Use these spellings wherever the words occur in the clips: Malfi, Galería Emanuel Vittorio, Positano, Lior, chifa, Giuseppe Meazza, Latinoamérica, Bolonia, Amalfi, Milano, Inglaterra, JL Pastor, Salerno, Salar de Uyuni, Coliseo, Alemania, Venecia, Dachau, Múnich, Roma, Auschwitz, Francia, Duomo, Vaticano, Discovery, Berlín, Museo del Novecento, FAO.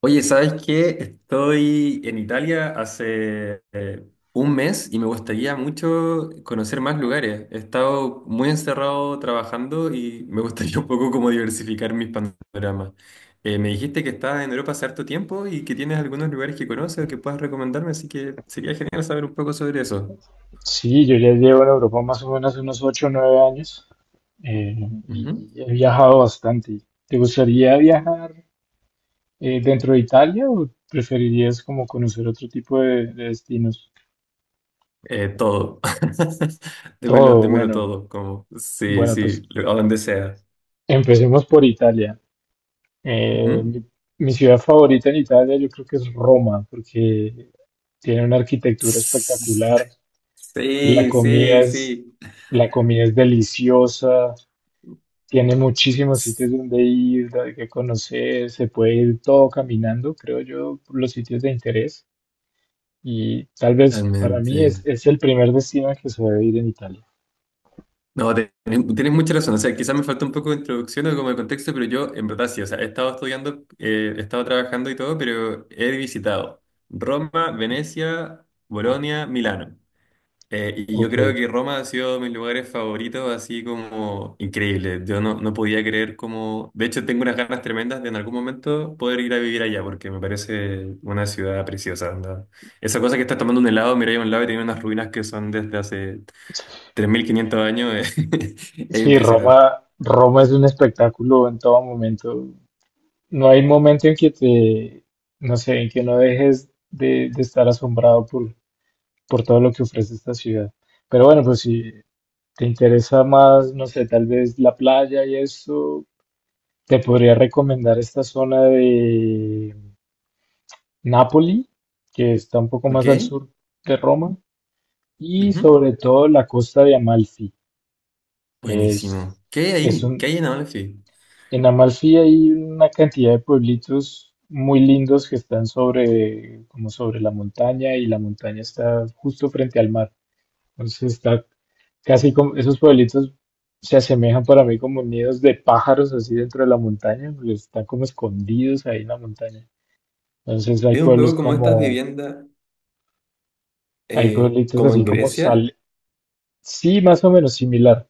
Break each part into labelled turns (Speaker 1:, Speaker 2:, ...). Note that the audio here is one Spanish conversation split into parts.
Speaker 1: Oye, ¿sabes qué? Estoy en Italia hace un mes y me gustaría mucho conocer más lugares. He estado muy encerrado trabajando y me gustaría un poco como diversificar mis panoramas. Me dijiste que estabas en Europa hace harto tiempo y que tienes algunos lugares que conoces o que puedas recomendarme, así que sería genial saber un poco sobre eso.
Speaker 2: Sí, yo ya llevo en Europa más o menos unos 8 o 9 años, eh, y
Speaker 1: Ujú.
Speaker 2: y he viajado bastante. ¿Te gustaría viajar dentro de Italia o preferirías como conocer otro tipo de destinos?
Speaker 1: Todo. Démelo,
Speaker 2: Todo,
Speaker 1: démelo
Speaker 2: bueno,
Speaker 1: todo, como sí,
Speaker 2: bueno,
Speaker 1: sí,
Speaker 2: pues
Speaker 1: a donde sea.
Speaker 2: empecemos por Italia. Eh,
Speaker 1: Ujú.
Speaker 2: mi, Mi ciudad favorita en Italia yo creo que es Roma porque tiene una arquitectura espectacular, la
Speaker 1: Sí,
Speaker 2: comida
Speaker 1: sí,
Speaker 2: es,
Speaker 1: sí.
Speaker 2: la comida es deliciosa. Tiene muchísimos sitios donde ir, hay que conocer, se puede ir todo caminando, creo yo, por los sitios de interés. Y tal vez para mí
Speaker 1: Realmente.
Speaker 2: es el primer destino al que se debe ir en Italia.
Speaker 1: No, tienes mucha razón. O sea, quizás me falta un poco de introducción o como de contexto, pero yo, en verdad, sí. O sea, he estado estudiando, he estado trabajando y todo, pero he visitado Roma, Venecia, Bolonia, Milano. Y yo
Speaker 2: Ok.
Speaker 1: creo que Roma ha sido de mis lugares favoritos, así como increíble. Yo no podía creer como... De hecho, tengo unas ganas tremendas de en algún momento poder ir a vivir allá, porque me parece una ciudad preciosa. Onda. Esa cosa que estás tomando un helado, mira a un lado y tiene unas ruinas que son desde hace 3500 años, es
Speaker 2: Sí,
Speaker 1: impresionante.
Speaker 2: Roma es un espectáculo en todo momento. No hay momento en que no sé, en que no dejes de estar asombrado por todo lo que ofrece esta ciudad. Pero bueno, pues si te interesa más, no sé, tal vez la playa y eso, te podría recomendar esta zona de Nápoli, que está un poco más
Speaker 1: Ok.
Speaker 2: al sur de Roma, y
Speaker 1: Ujú.
Speaker 2: sobre todo la costa de Amalfi. Es,
Speaker 1: Buenísimo. ¿Qué hay
Speaker 2: es
Speaker 1: ahí? ¿Qué
Speaker 2: un,
Speaker 1: hay en Amalfi?
Speaker 2: en Amalfi hay una cantidad de pueblitos muy lindos que están sobre, como sobre la montaña, y la montaña está justo frente al mar. Entonces está casi como, esos pueblitos se asemejan para mí como nidos de pájaros así dentro de la montaña, porque están como escondidos ahí en la montaña. Entonces hay
Speaker 1: Es un poco como estas viviendas,
Speaker 2: hay pueblitos
Speaker 1: como
Speaker 2: así
Speaker 1: en
Speaker 2: como
Speaker 1: Grecia.
Speaker 2: Sí, más o menos similar.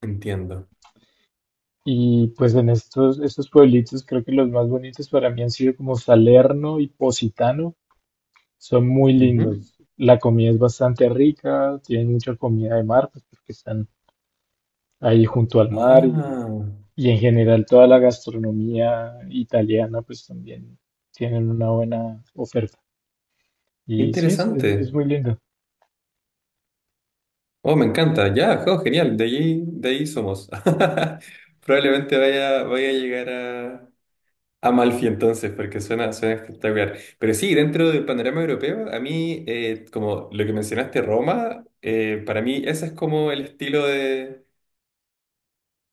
Speaker 1: Entiendo.
Speaker 2: Y pues en estos pueblitos creo que los más bonitos para mí han sido como Salerno y Positano. Son muy
Speaker 1: Ujú.
Speaker 2: lindos. La comida es bastante rica, tienen mucha comida de mar, pues porque están ahí junto al mar
Speaker 1: Ah.
Speaker 2: y en general toda la gastronomía italiana pues también tienen una buena oferta. Y sí, es,
Speaker 1: Interesante.
Speaker 2: es muy lindo.
Speaker 1: Oh, me encanta. Ya, oh, genial. De allí, de ahí somos. Probablemente vaya a llegar a Malfi entonces, porque suena espectacular. Pero sí, dentro del panorama europeo, a mí, como lo que mencionaste, Roma, para mí ese es como el estilo de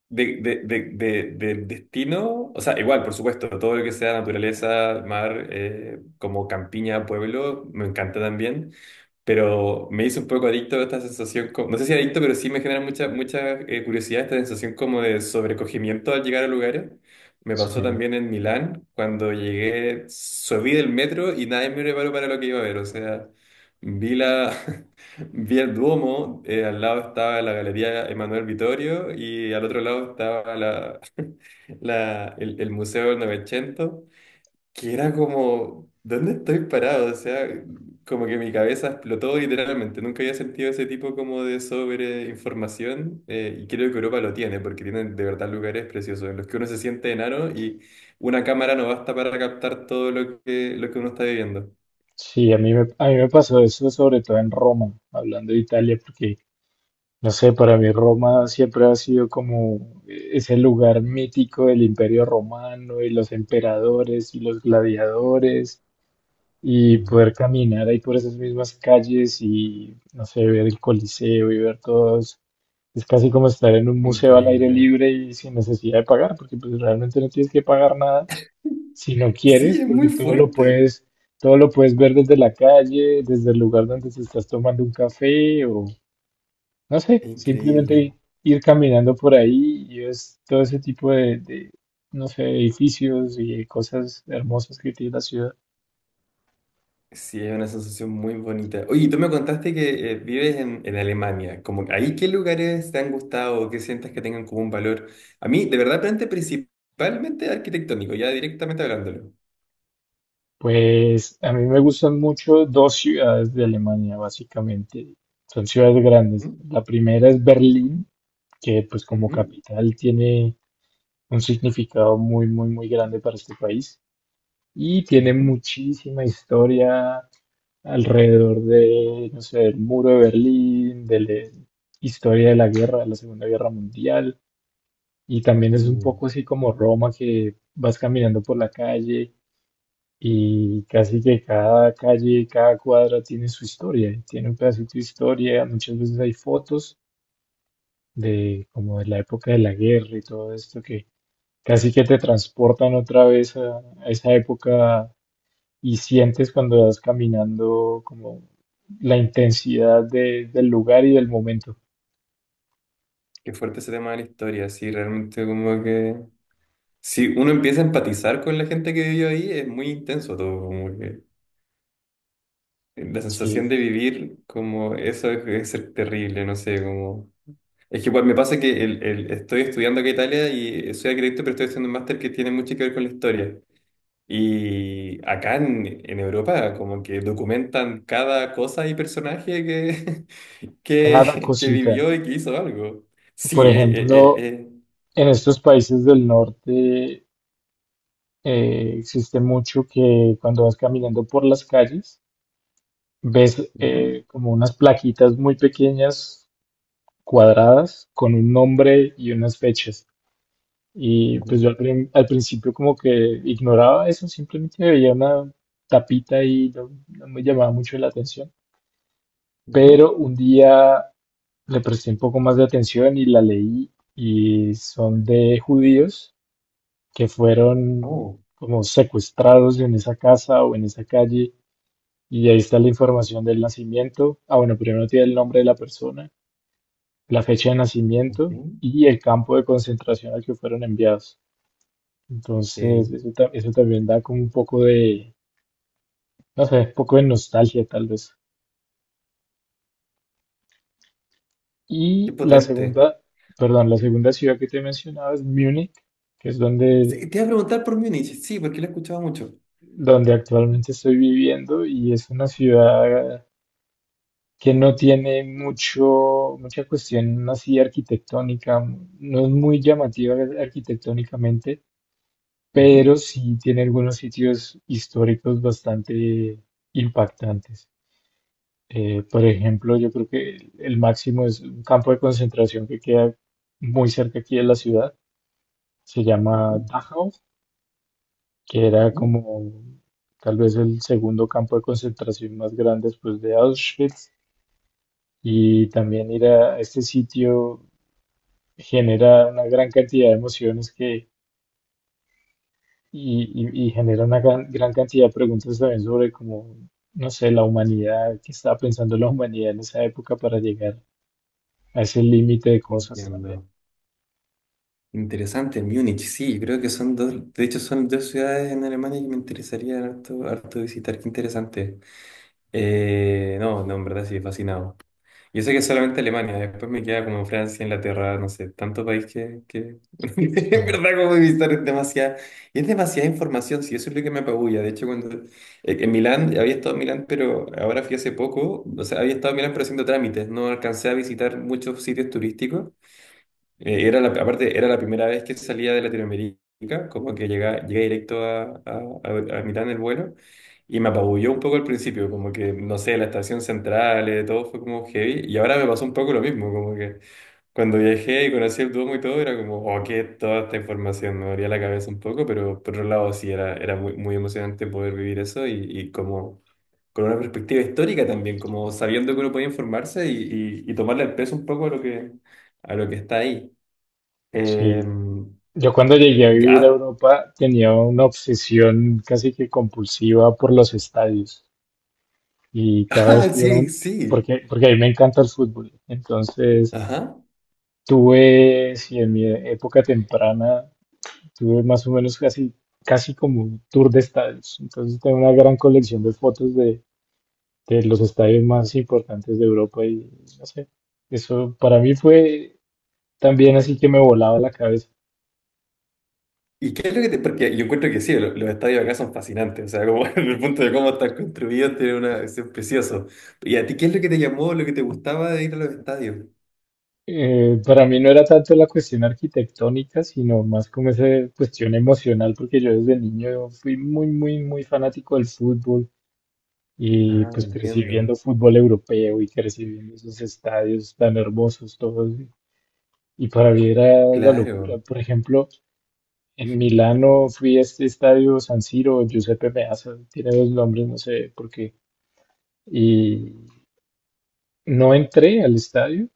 Speaker 1: del destino, o sea, igual, por supuesto, todo lo que sea naturaleza, mar, como campiña, pueblo, me encanta también, pero me hizo un poco adicto a esta sensación, no sé si adicto, pero sí me genera mucha curiosidad esta sensación como de sobrecogimiento al llegar a lugares. Me pasó
Speaker 2: Sí.
Speaker 1: también en Milán, cuando llegué, subí del metro y nadie me preparó para lo que iba a ver, o sea, vi la, vi el Duomo, al lado estaba la Galería Emanuel Vittorio y al otro lado estaba la, el Museo del Novecento, que era como, ¿dónde estoy parado? O sea, como que mi cabeza explotó literalmente. Nunca había sentido ese tipo como de sobreinformación y creo que Europa lo tiene, porque tienen de verdad lugares preciosos en los que uno se siente enano y una cámara no basta para captar todo lo lo que uno está viviendo.
Speaker 2: Sí, a a mí me pasó eso sobre todo en Roma, hablando de Italia, porque, no sé, para mí Roma siempre ha sido como ese lugar mítico del Imperio Romano y los emperadores y los gladiadores y
Speaker 1: Mm.
Speaker 2: poder caminar ahí por esas mismas calles y, no sé, ver el Coliseo y ver todos. Es casi como estar en un museo al aire
Speaker 1: Increíble.
Speaker 2: libre y sin necesidad de pagar, porque pues realmente no tienes que pagar nada si no
Speaker 1: Sí,
Speaker 2: quieres,
Speaker 1: es
Speaker 2: porque
Speaker 1: muy fuerte.
Speaker 2: todo lo puedes ver desde la calle, desde el lugar donde te estás tomando un café o no sé,
Speaker 1: Increíble.
Speaker 2: simplemente ir caminando por ahí y es todo ese tipo no sé, edificios y cosas hermosas que tiene la ciudad.
Speaker 1: Sí, es una sensación muy bonita. Oye, tú me contaste que vives en Alemania. Como, que ¿ahí qué lugares te han gustado o qué sientes que tengan como un valor? A mí, de verdad, plantea principalmente arquitectónico, ya directamente hablándolo.
Speaker 2: Pues a mí me gustan mucho dos ciudades de Alemania, básicamente. Son ciudades grandes.
Speaker 1: ¿Mm?
Speaker 2: La primera es Berlín, que pues como
Speaker 1: Ujú,
Speaker 2: capital tiene un significado muy, muy, muy grande para este país. Y tiene
Speaker 1: ujú.
Speaker 2: muchísima historia alrededor de, no sé, del muro de Berlín, de la historia de la guerra, de la Segunda Guerra Mundial. Y también es un
Speaker 1: Mm.
Speaker 2: poco así como Roma, que vas caminando por la calle y casi que cada calle, cada cuadra tiene su historia, y tiene un pedacito de historia. Muchas veces hay fotos de como de la época de la guerra y todo esto que casi que te transportan otra vez a esa época y sientes cuando vas caminando como la intensidad del lugar y del momento.
Speaker 1: Qué fuerte ese tema de la historia. Sí, realmente como que... Si uno empieza a empatizar con la gente que vivió ahí, es muy intenso todo. Como que la sensación de
Speaker 2: Sí,
Speaker 1: vivir como eso es ser terrible, no sé, como... Es que igual me pasa que estoy estudiando acá en Italia y soy arquitecto, pero estoy haciendo un máster que tiene mucho que ver con la historia. Y acá en Europa como que documentan cada cosa y personaje que,
Speaker 2: cada
Speaker 1: que
Speaker 2: cosita.
Speaker 1: vivió y que hizo algo.
Speaker 2: Por
Speaker 1: Sí, eh,
Speaker 2: ejemplo,
Speaker 1: eh.
Speaker 2: en estos países del norte existe mucho que cuando vas caminando por las calles ves
Speaker 1: Ujú,
Speaker 2: como unas plaquitas muy pequeñas, cuadradas, con un nombre y unas fechas. Y pues
Speaker 1: ujú,
Speaker 2: yo al principio como que ignoraba eso, simplemente veía una tapita y no me llamaba mucho la atención.
Speaker 1: ujú.
Speaker 2: Pero un día le presté un poco más de atención y la leí y son de judíos que fueron
Speaker 1: Oh,
Speaker 2: como secuestrados en esa casa o en esa calle y ahí está la información del nacimiento. Ah, bueno, primero tiene el nombre de la persona, la fecha de nacimiento
Speaker 1: ok.
Speaker 2: y el campo de concentración al que fueron enviados. Entonces,
Speaker 1: Eh,
Speaker 2: eso también da como un poco de, no sé, un poco de nostalgia tal vez.
Speaker 1: Qué
Speaker 2: Y la
Speaker 1: potente.
Speaker 2: segunda, perdón, la segunda ciudad que te mencionaba es Múnich, que es
Speaker 1: Sí, te iba a preguntar por Múnich, sí, porque lo he escuchado mucho.
Speaker 2: donde actualmente estoy viviendo y es una ciudad que no tiene mucha cuestión así arquitectónica, no es muy llamativa arquitectónicamente,
Speaker 1: Ujú,
Speaker 2: pero sí tiene algunos sitios históricos bastante impactantes. Por ejemplo, yo creo que el máximo es un campo de concentración que queda muy cerca aquí de la ciudad, se llama
Speaker 1: ujú,
Speaker 2: Dachau, que era
Speaker 1: ujú.
Speaker 2: como tal vez el segundo campo de concentración más grande después de Auschwitz. Y también ir a este sitio genera una gran cantidad de emociones y, y genera una gran cantidad de preguntas también sobre cómo, no sé, la humanidad, qué estaba pensando la humanidad en esa época para llegar a ese límite de cosas también.
Speaker 1: Entiendo. Interesante, Múnich, sí, creo que son dos, de hecho son dos ciudades en Alemania que me interesaría harto, harto visitar, qué interesante. No, no, en verdad sí, fascinado. Yo sé que es solamente Alemania, después me queda como Francia, Inglaterra, no sé, tanto país que
Speaker 2: Sí,
Speaker 1: en verdad como visitar es demasiada, y es demasiada información, sí, eso es lo que me apabulla. De hecho, cuando en Milán, había estado en Milán, pero ahora fui hace poco, o sea, había estado en Milán pero haciendo trámites, no alcancé a visitar muchos sitios turísticos. Era la, aparte, era la primera vez que salía de Latinoamérica, como que llega llegué directo a Milán el vuelo, y me apabulló un poco al principio, como que, no sé, la estación central, todo fue como heavy, y ahora me pasó un poco lo mismo, como que cuando viajé y conocí el Duomo y todo, era como, oh, qué es toda esta información, me abría la cabeza un poco, pero por otro lado sí, era muy, muy emocionante poder vivir eso y como... con una perspectiva histórica también, como sabiendo que uno puede informarse y tomarle el peso un poco a lo que está ahí.
Speaker 2: sí.
Speaker 1: Em,
Speaker 2: Yo cuando llegué a vivir a
Speaker 1: ya,
Speaker 2: Europa tenía una obsesión casi que compulsiva por los estadios y cada vez
Speaker 1: ah,
Speaker 2: que
Speaker 1: sí, sí.
Speaker 2: porque, porque a mí me encanta el fútbol, entonces
Speaker 1: Ajá.
Speaker 2: tuve, si en mi época temprana, tuve más o menos casi como un tour de estadios, entonces tengo una gran colección de fotos de los estadios más importantes de Europa y no sé, eso para mí fue también así que me volaba la cabeza.
Speaker 1: ¿Y qué es lo que te...? Porque yo encuentro que sí, estadios acá son fascinantes. O sea, como en el punto de cómo están construidos, tiene una... Es precioso. ¿Y a ti qué es lo que te llamó, lo que te gustaba de ir a los estadios?
Speaker 2: Para mí no era tanto la cuestión arquitectónica, sino más como esa cuestión emocional, porque yo desde niño fui muy, muy, muy fanático del fútbol y
Speaker 1: Ah,
Speaker 2: pues crecí
Speaker 1: entiendo.
Speaker 2: viendo fútbol europeo y crecí viendo esos estadios tan hermosos todos. Y para mí era la locura.
Speaker 1: Claro.
Speaker 2: Por ejemplo, en Milano fui a este estadio San Siro, Giuseppe Meazza, tiene dos nombres, no sé por qué. Y no entré al estadio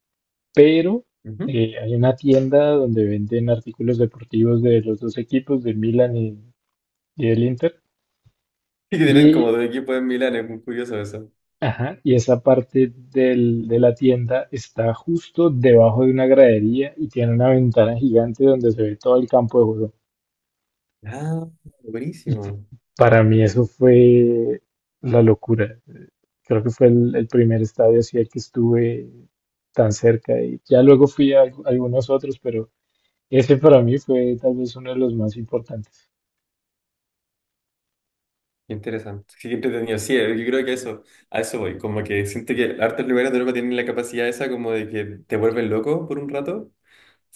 Speaker 2: pero
Speaker 1: Ujú.
Speaker 2: hay una tienda donde venden artículos deportivos de los dos equipos, del y del Inter.
Speaker 1: Y que tienen como
Speaker 2: Y,
Speaker 1: dos equipos en Milán, es muy curioso eso.
Speaker 2: ajá, y esa parte de la tienda está justo debajo de una gradería y tiene una ventana gigante donde se ve todo el campo de juego.
Speaker 1: Ah, buenísimo.
Speaker 2: Para mí eso fue la locura. Creo que fue el primer estadio así al que estuve tan cerca. Y ya luego fui a algunos otros, pero ese para mí fue tal vez uno de los más importantes.
Speaker 1: Qué interesante. Sí, qué entretenido. Sí, yo creo que eso, a eso voy. Como que siento que hartos lugares de Europa tienen la capacidad esa como de que te vuelven loco por un rato.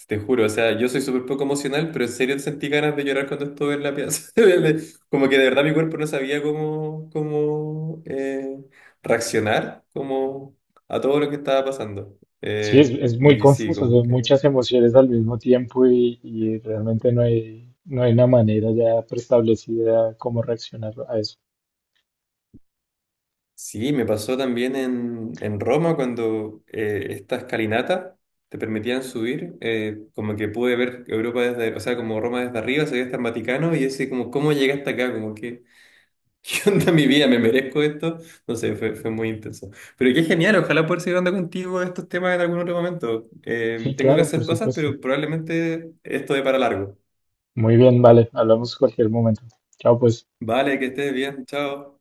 Speaker 1: Te juro, o sea, yo soy súper poco emocional, pero en serio sentí ganas de llorar cuando estuve en la piazza. De- Como que de verdad mi cuerpo no sabía cómo reaccionar como a todo lo que estaba pasando.
Speaker 2: Sí, es muy
Speaker 1: Y sí,
Speaker 2: confuso,
Speaker 1: como
Speaker 2: son
Speaker 1: que...
Speaker 2: muchas emociones al mismo tiempo y realmente no no hay una manera ya preestablecida cómo reaccionar a eso.
Speaker 1: Sí, me pasó también en Roma cuando esta escalinata te permitían subir, como que pude ver Europa desde, o sea, como Roma desde arriba, se veía hasta el Vaticano y ese como, ¿cómo llegué hasta acá? Como que... ¿Qué onda mi vida? ¿Me merezco esto? No sé, fue muy intenso. Pero qué genial, ojalá poder seguir hablando contigo de estos temas en algún otro momento.
Speaker 2: Sí,
Speaker 1: Tengo que
Speaker 2: claro,
Speaker 1: hacer
Speaker 2: por
Speaker 1: cosas,
Speaker 2: supuesto.
Speaker 1: pero probablemente esto de para largo.
Speaker 2: Muy bien, vale, hablamos cualquier momento. Chao, pues.
Speaker 1: Vale, que estés bien, chao.